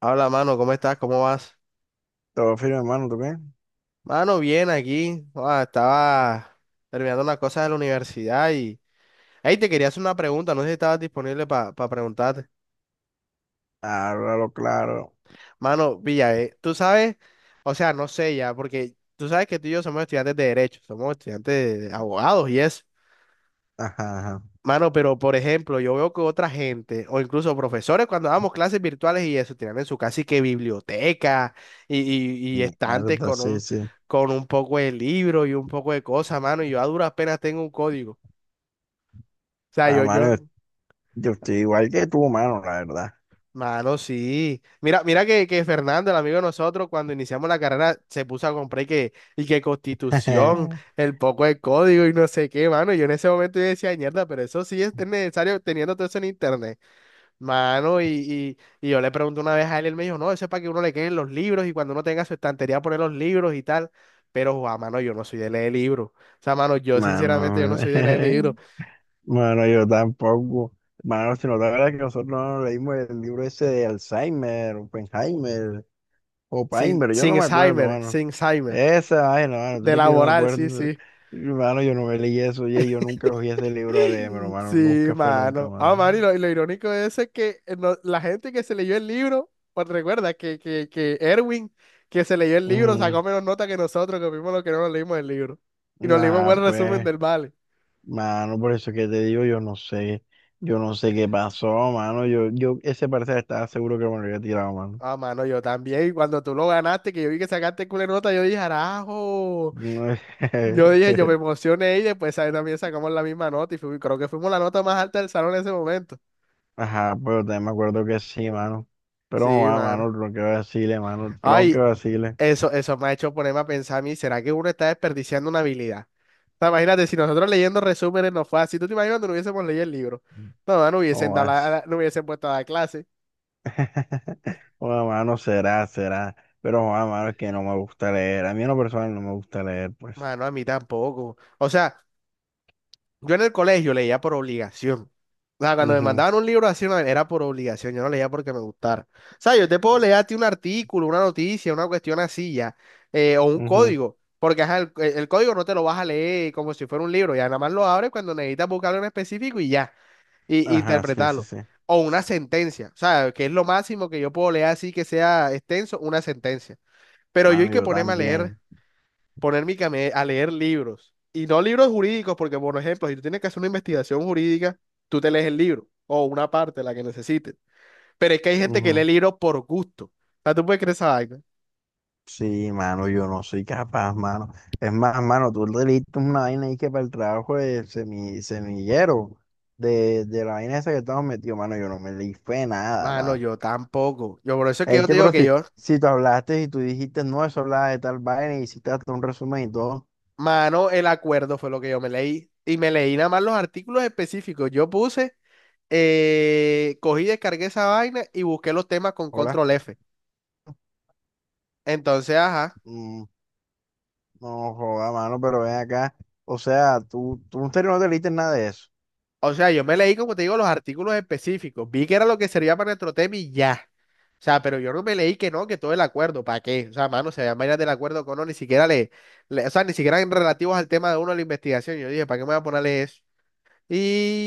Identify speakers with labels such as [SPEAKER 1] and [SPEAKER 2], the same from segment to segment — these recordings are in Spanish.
[SPEAKER 1] Hola, mano, ¿cómo estás? ¿Cómo vas?
[SPEAKER 2] Todo firme, hermano, ¿tú qué?
[SPEAKER 1] Mano, bien aquí. Ah, estaba terminando unas cosas de la universidad y. Ahí te quería hacer una pregunta, no sé si estabas disponible para preguntarte.
[SPEAKER 2] Háblalo claro.
[SPEAKER 1] Mano, Villa, tú sabes, o sea, no sé ya, porque tú sabes que tú y yo somos estudiantes de Derecho, somos estudiantes de abogados y eso.
[SPEAKER 2] Ajá, ajá.
[SPEAKER 1] Mano, pero por ejemplo, yo veo que otra gente, o incluso profesores, cuando damos clases virtuales y eso, tienen en su casi que biblioteca y estantes
[SPEAKER 2] Mierda,
[SPEAKER 1] con
[SPEAKER 2] sí,
[SPEAKER 1] un,
[SPEAKER 2] sí.
[SPEAKER 1] con un poco de libro y un poco de cosas, mano, y yo a duras penas tengo un código. O sea,
[SPEAKER 2] Ah,
[SPEAKER 1] yo,
[SPEAKER 2] mano,
[SPEAKER 1] yo,
[SPEAKER 2] yo estoy igual que tú, mano, la verdad.
[SPEAKER 1] mano, sí. Mira, mira que Fernando, el amigo de nosotros, cuando iniciamos la carrera, se puso a comprar y que Constitución, el poco de código y no sé qué, mano. Yo en ese momento yo decía, mierda, pero eso sí es necesario teniendo todo eso en internet. Mano, y yo le pregunté una vez a él, él me dijo, no, eso es para que uno le queden los libros y cuando uno tenga su estantería poner los libros y tal. Pero, Juan, mano, yo no soy de leer libros. O sea, mano, yo sinceramente yo
[SPEAKER 2] Mano,
[SPEAKER 1] no soy de leer libros.
[SPEAKER 2] mano, yo tampoco. Mano, si no te acuerdas que nosotros no leímos el libro ese de Alzheimer, Oppenheimer. O
[SPEAKER 1] Sin,
[SPEAKER 2] Paimber, yo
[SPEAKER 1] sin
[SPEAKER 2] no me acuerdo,
[SPEAKER 1] Alzheimer,
[SPEAKER 2] mano.
[SPEAKER 1] sin Alzheimer.
[SPEAKER 2] Esa vaina, mano, tú
[SPEAKER 1] De
[SPEAKER 2] crees que yo me
[SPEAKER 1] laboral, sí,
[SPEAKER 2] acuerdo.
[SPEAKER 1] sí.
[SPEAKER 2] Mano, yo no me leí eso, oye, yo nunca cogí ese libro a leer, pero mano,
[SPEAKER 1] Sí,
[SPEAKER 2] nunca fue nunca,
[SPEAKER 1] mano. Ah, mano, y
[SPEAKER 2] mano.
[SPEAKER 1] lo, y lo irónico de eso es que la gente que se leyó el libro, pues recuerda que Erwin, que se leyó el libro,
[SPEAKER 2] Ujú.
[SPEAKER 1] sacó menos nota que nosotros, que vimos lo que no nos leímos el libro. Y nos leímos
[SPEAKER 2] Nah,
[SPEAKER 1] buen resumen
[SPEAKER 2] pues,
[SPEAKER 1] del Vale.
[SPEAKER 2] mano, por eso que te digo, yo no sé qué pasó, mano, yo, ese parcial estaba seguro que me lo había tirado, mano.
[SPEAKER 1] Ah, mano, yo también. Cuando tú lo ganaste, que yo vi que sacaste culo de nota, yo dije, arajo.
[SPEAKER 2] No-
[SPEAKER 1] Yo dije, yo me emocioné y después ahí también sacamos la misma nota y creo que fuimos la nota más alta del salón en ese momento.
[SPEAKER 2] Ajá, pero también me acuerdo que sí, mano. Pero,
[SPEAKER 1] Sí,
[SPEAKER 2] joder,
[SPEAKER 1] mano.
[SPEAKER 2] mano, tronque
[SPEAKER 1] Ay,
[SPEAKER 2] vacile,
[SPEAKER 1] eso me ha hecho ponerme a pensar a mí, ¿será que uno está desperdiciando una habilidad? O sea, imagínate, si nosotros leyendo resúmenes no fue así, ¿tú te imaginas cuando no hubiésemos leído el libro? No, no hubiesen dado
[SPEAKER 2] jodas.
[SPEAKER 1] no hubiesen puesto a dar clase.
[SPEAKER 2] Bueno, mano, será, será. Pero, bueno, mano, es que no me gusta leer. A mí en lo personal no me gusta leer, pues.
[SPEAKER 1] Mano, a mí tampoco. O sea. Yo en el colegio leía por obligación. O sea, cuando me
[SPEAKER 2] Ujú,
[SPEAKER 1] mandaban un libro así, no, era por obligación, yo no leía porque me gustara. O sea, yo te puedo leer a ti un artículo, una noticia, una cuestión así ya, o un
[SPEAKER 2] ujú.
[SPEAKER 1] código, porque ajá, el código no te lo vas a leer como si fuera un libro, ya nada más lo abres cuando necesitas buscarlo en específico y ya, y
[SPEAKER 2] Ajá, sí, sí,
[SPEAKER 1] interpretarlo.
[SPEAKER 2] sí.
[SPEAKER 1] O una sentencia, o sea, que es lo máximo que yo puedo leer así que sea extenso, una sentencia. Pero yo hay
[SPEAKER 2] Mano,
[SPEAKER 1] que
[SPEAKER 2] yo
[SPEAKER 1] ponerme a leer
[SPEAKER 2] también.
[SPEAKER 1] a leer libros. Y no libros jurídicos, porque por ejemplo, si tú tienes que hacer una investigación jurídica, tú te lees el libro o una parte, la que necesites. Pero es que hay gente que lee
[SPEAKER 2] Ujú.
[SPEAKER 1] libros por gusto. O sea, tú puedes creer esa vaina.
[SPEAKER 2] Sí, mano, yo no soy capaz, mano. Es más, mano, tú leíste una vaina ahí que para el trabajo de semillero, de la vaina esa que estamos metidos, mano, yo no me leí fue nada,
[SPEAKER 1] Mano,
[SPEAKER 2] mano.
[SPEAKER 1] yo tampoco. Yo por eso es que
[SPEAKER 2] Es
[SPEAKER 1] yo
[SPEAKER 2] que,
[SPEAKER 1] te digo
[SPEAKER 2] pero
[SPEAKER 1] que
[SPEAKER 2] si,
[SPEAKER 1] yo,
[SPEAKER 2] si tú hablaste y tú dijiste, no, eso hablaba de tal vaina y hiciste hasta un resumen y todo,
[SPEAKER 1] mano, el acuerdo fue lo que yo me leí. Y me leí nada más los artículos específicos. Yo puse, cogí, descargué esa vaina y busqué los temas con
[SPEAKER 2] hola.
[SPEAKER 1] control F. Entonces, ajá.
[SPEAKER 2] Mm. No joda, mano, pero ven acá. O sea, tú en serio no te leíste nada de eso.
[SPEAKER 1] O sea, yo me leí, como te digo, los artículos específicos. Vi que era lo que servía para nuestro tema y ya. O sea, pero yo no me leí que no, que todo el acuerdo, ¿para qué? O sea, mano, se veían vainas del acuerdo que uno, ni siquiera o sea, ni siquiera en relativos al tema de uno de la investigación. Yo dije, ¿para qué me voy a ponerle eso?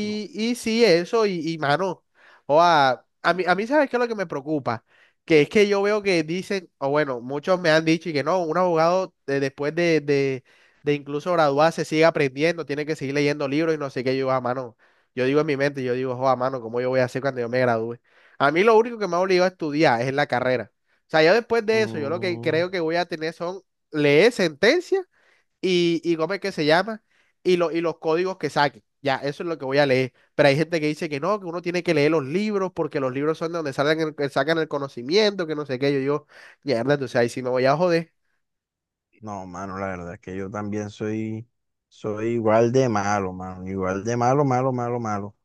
[SPEAKER 2] No.
[SPEAKER 1] y sí, eso, y, mano, o a mí, ¿sabes qué es lo que me preocupa? Que es que yo veo que dicen, o bueno, muchos me han dicho y que no, un abogado después de incluso graduarse sigue aprendiendo, tiene que seguir leyendo libros y no sé qué, yo, a mano, yo digo en mi mente, yo digo, a mano, ¿cómo yo voy a hacer cuando yo me gradúe? A mí lo único que me ha obligado a estudiar es la carrera. O sea, yo después de eso, yo lo que
[SPEAKER 2] Mm,
[SPEAKER 1] creo que voy a tener son leer sentencias y cómo es que se llama y los códigos que saquen. Ya, eso es lo que voy a leer. Pero hay gente que dice que no, que uno tiene que leer los libros porque los libros son de donde salen que sacan el conocimiento, que no sé qué. Yo digo, mierda, entonces ahí sí me voy a joder.
[SPEAKER 2] no, mano, la verdad es que yo también soy, soy igual de malo, mano. Igual de malo, malo, malo, malo.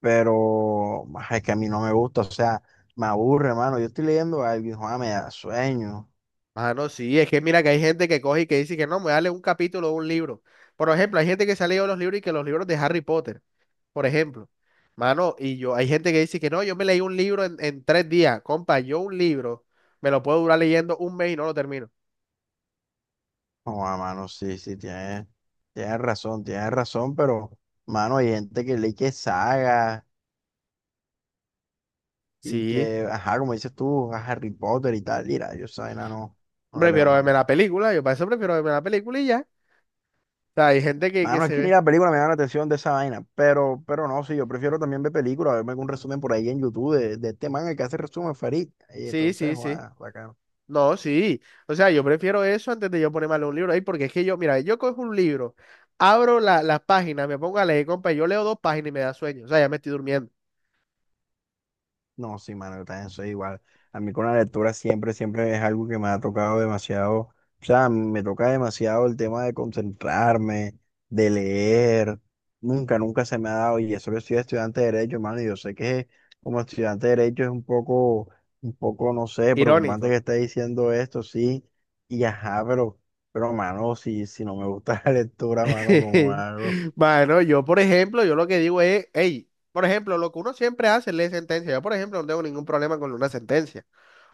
[SPEAKER 2] Pero ah, es que a mí no me gusta, o sea, me aburre, mano. Yo estoy leyendo algo y joda, me da sueño.
[SPEAKER 1] Ah, no, sí, es que mira que hay gente que coge y que dice que no, me voy a leer un capítulo de un libro. Por ejemplo, hay gente que se ha leído los libros y que los libros de Harry Potter, por ejemplo. Mano, y yo, hay gente que dice que no, yo me leí un libro en, 3 días. Compa, yo un libro me lo puedo durar leyendo un mes y no lo termino.
[SPEAKER 2] Joda, mano, sí, sí, tienes razón, pero, mano, hay gente que lee que sagas. Y
[SPEAKER 1] Sí.
[SPEAKER 2] que, ajá, como dices tú, a Harry Potter y tal, mira, yo esa vaina no, no la leo,
[SPEAKER 1] Prefiero verme
[SPEAKER 2] mano.
[SPEAKER 1] la película, yo para eso prefiero verme la película y ya. O sea, hay gente que
[SPEAKER 2] Mano, es
[SPEAKER 1] se
[SPEAKER 2] que ni
[SPEAKER 1] ve.
[SPEAKER 2] la película me llama la atención de esa vaina, pero no, sí, yo prefiero también ver películas, verme algún resumen por ahí en YouTube de este man el que hace resumen, Farid. Y
[SPEAKER 1] Sí,
[SPEAKER 2] entonces,
[SPEAKER 1] sí, sí.
[SPEAKER 2] guau, bacano.
[SPEAKER 1] No, sí. O sea, yo prefiero eso antes de yo ponerme a leer un libro ahí, porque es que yo, mira, yo cojo un libro, abro las páginas, me pongo a leer, compa, yo leo dos páginas y me da sueño. O sea, ya me estoy durmiendo.
[SPEAKER 2] No, sí, mano, yo también soy igual. A mí con la lectura siempre, siempre es algo que me ha tocado demasiado, o sea, me toca demasiado el tema de concentrarme, de leer. Nunca, nunca se me ha dado, y eso que soy estudiante de Derecho, hermano, y yo sé que como estudiante de Derecho es un poco, no sé, preocupante que
[SPEAKER 1] Irónico.
[SPEAKER 2] esté diciendo esto, sí, y ajá, pero, mano, si, si no me gusta la lectura, mano, como hago?
[SPEAKER 1] Bueno, yo, por ejemplo, yo lo que digo es, hey, por ejemplo, lo que uno siempre hace es leer sentencia. Yo, por ejemplo, no tengo ningún problema con una sentencia.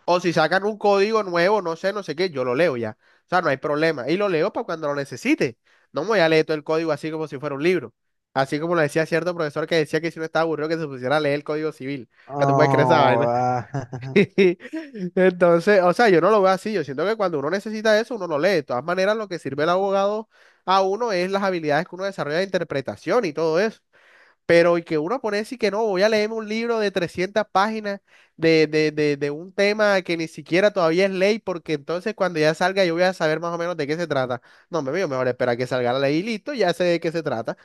[SPEAKER 1] O si sacan un código nuevo, no sé, no sé qué, yo lo leo ya. O sea, no hay problema. Y lo leo para cuando lo necesite. No me voy a leer todo el código así como si fuera un libro. Así como lo decía cierto profesor que decía que si uno estaba aburrido que se pusiera a leer el código civil. Ah, tú puedes creer esa vaina.
[SPEAKER 2] Oh,
[SPEAKER 1] Entonces, o sea, yo no lo veo así. Yo siento que cuando uno necesita eso, uno lo lee. De todas maneras, lo que sirve el abogado a uno es las habilidades que uno desarrolla de interpretación y todo eso. Pero y que uno pone a decir que no, voy a leerme un libro de 300 páginas de un tema que ni siquiera todavía es ley, porque entonces cuando ya salga yo voy a saber más o menos de qué se trata. No, me veo mejor espera que salga la ley y listo, ya sé de qué se trata.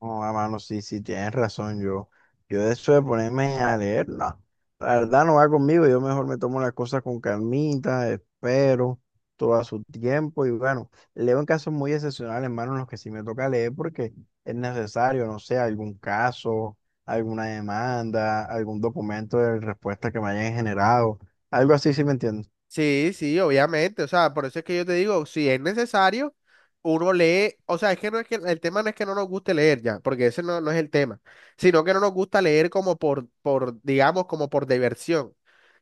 [SPEAKER 2] oh a mano, sí, sí, tienes razón. Yo de eso de ponerme a leer, no. La verdad no va conmigo. Yo mejor me tomo las cosas con calmita, espero todo a su tiempo. Y bueno, leo en casos muy excepcionales, hermano, en los que sí me toca leer porque es necesario, no sé, algún caso, alguna demanda, algún documento de respuesta que me hayan generado. Algo así, sí me entiendes.
[SPEAKER 1] Sí, sí, obviamente. O sea, por eso es que yo te digo, si es necesario, uno lee. O sea, es que no es que el tema no es que no nos guste leer ya, porque ese no, no es el tema, sino que no nos gusta leer como por, digamos, como por diversión.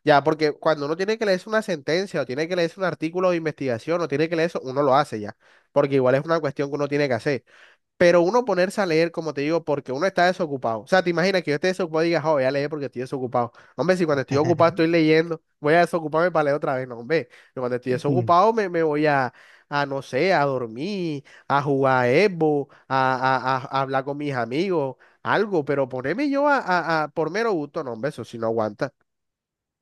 [SPEAKER 1] Ya, porque cuando uno tiene que leerse una sentencia o tiene que leerse un artículo de investigación o tiene que leer eso, uno lo hace ya, porque igual es una cuestión que uno tiene que hacer. Pero uno ponerse a leer, como te digo, porque uno está desocupado. O sea, te imaginas que yo esté desocupado y digas, oh, voy a leer porque estoy desocupado. Hombre, si cuando estoy ocupado estoy leyendo, voy a desocuparme para leer otra vez. No, hombre, yo cuando estoy desocupado me voy a, no sé, a dormir, a jugar Evo, a hablar con mis amigos, algo. Pero ponerme yo a, por mero gusto, no, hombre, eso sí no aguanta.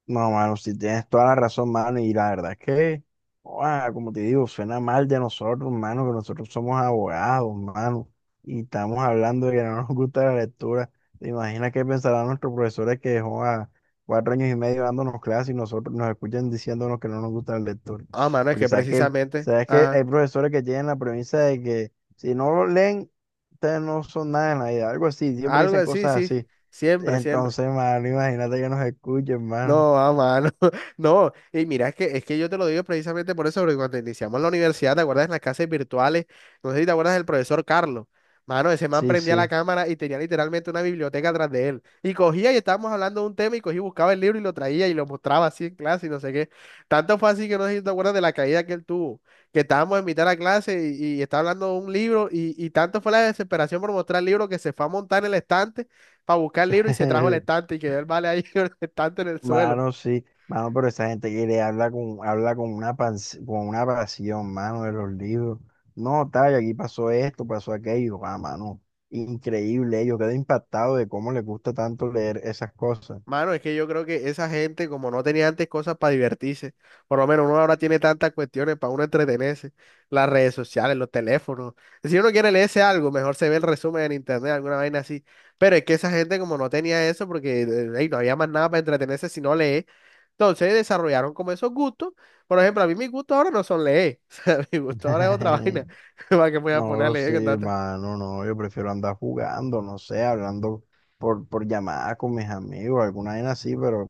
[SPEAKER 2] No, mano, si tienes toda la razón, mano, y la verdad es que, ua, como te digo, suena mal de nosotros, mano, que nosotros somos abogados, mano, y estamos hablando de que no nos gusta la lectura. ¿Te imaginas qué pensarán nuestros profesores que dejó a 4 años y medio dándonos clases y nosotros nos escuchan diciéndonos que no nos gusta la lectura?
[SPEAKER 1] Ah, mano, es
[SPEAKER 2] Porque
[SPEAKER 1] que precisamente,
[SPEAKER 2] sabes que hay
[SPEAKER 1] ajá,
[SPEAKER 2] profesores que tienen la premisa de que si no lo leen, ustedes no son nada en la vida, algo así, siempre
[SPEAKER 1] algo
[SPEAKER 2] dicen
[SPEAKER 1] así,
[SPEAKER 2] cosas
[SPEAKER 1] sí,
[SPEAKER 2] así.
[SPEAKER 1] siempre, siempre.
[SPEAKER 2] Entonces, mano, imagínate que nos escuchen, mano.
[SPEAKER 1] No, a mano. No, y mira, es que yo te lo digo precisamente por eso, porque cuando iniciamos la universidad, ¿te acuerdas en las clases virtuales? No sé si te acuerdas del profesor Carlos. Mano, ese man
[SPEAKER 2] Sí,
[SPEAKER 1] prendía la
[SPEAKER 2] sí.
[SPEAKER 1] cámara y tenía literalmente una biblioteca atrás de él. Y cogía y estábamos hablando de un tema y cogía y buscaba el libro y lo traía y lo mostraba así en clase y no sé qué. Tanto fue así que no sé si te acuerdas de la caída que él tuvo, que estábamos en mitad de la clase y estaba hablando de un libro y tanto fue la desesperación por mostrar el libro que se fue a montar en el estante para buscar el libro y se trajo el estante y quedó el vale ahí con el estante en el suelo.
[SPEAKER 2] Mano, sí. Mano, pero esa gente quiere habla con una pans- con una pasión, mano, de los libros. No, tal, aquí pasó esto, pasó aquello. Ah, mano. Increíble. Yo quedo impactado de cómo les gusta tanto leer esas cosas.
[SPEAKER 1] Mano, es que yo creo que esa gente, como no tenía antes cosas para divertirse, por lo menos uno ahora tiene tantas cuestiones para uno entretenerse, las redes sociales, los teléfonos. Si uno quiere leerse algo, mejor se ve el resumen en internet, alguna vaina así. Pero es que esa gente, como no tenía eso, porque ey, no había más nada para entretenerse si no lee, entonces desarrollaron como esos gustos. Por ejemplo, a mí mis gustos ahora no son leer, o sea, mi gusto ahora es otra vaina. ¿Para qué me voy a poner a
[SPEAKER 2] No, sí,
[SPEAKER 1] leer con
[SPEAKER 2] mano, no. Yo prefiero andar jugando, no sé, hablando por llamada con mis amigos, alguna vez así, pero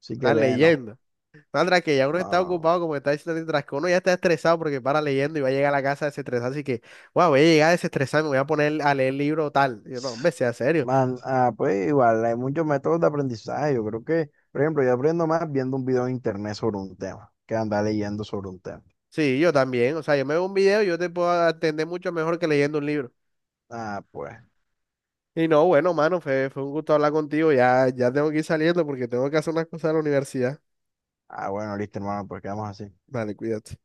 [SPEAKER 2] sí que
[SPEAKER 1] a
[SPEAKER 2] leen, no.
[SPEAKER 1] leyendo? Sandra, que ya uno
[SPEAKER 2] No,
[SPEAKER 1] está
[SPEAKER 2] no, no.
[SPEAKER 1] ocupado, como está diciendo mientras que uno ya está estresado porque para leyendo y va a llegar a la casa desestresado, así que, wow, voy a llegar a desestresar, me voy a poner a leer libro tal. Y yo, no, hombre, sea serio.
[SPEAKER 2] Man, ah, pues igual, hay muchos métodos de aprendizaje. Yo creo que, por ejemplo, yo aprendo más viendo un video en internet sobre un tema que andar leyendo sobre un tema.
[SPEAKER 1] Sí, yo también, o sea, yo me veo un video y yo te puedo atender mucho mejor que leyendo un libro.
[SPEAKER 2] Ah, pues.
[SPEAKER 1] Y no, bueno, mano, fue un gusto hablar contigo, ya tengo que ir saliendo porque tengo que hacer unas cosas de la universidad.
[SPEAKER 2] Ah, bueno, listo, hermano, pues quedamos así.
[SPEAKER 1] Vale, cuídate.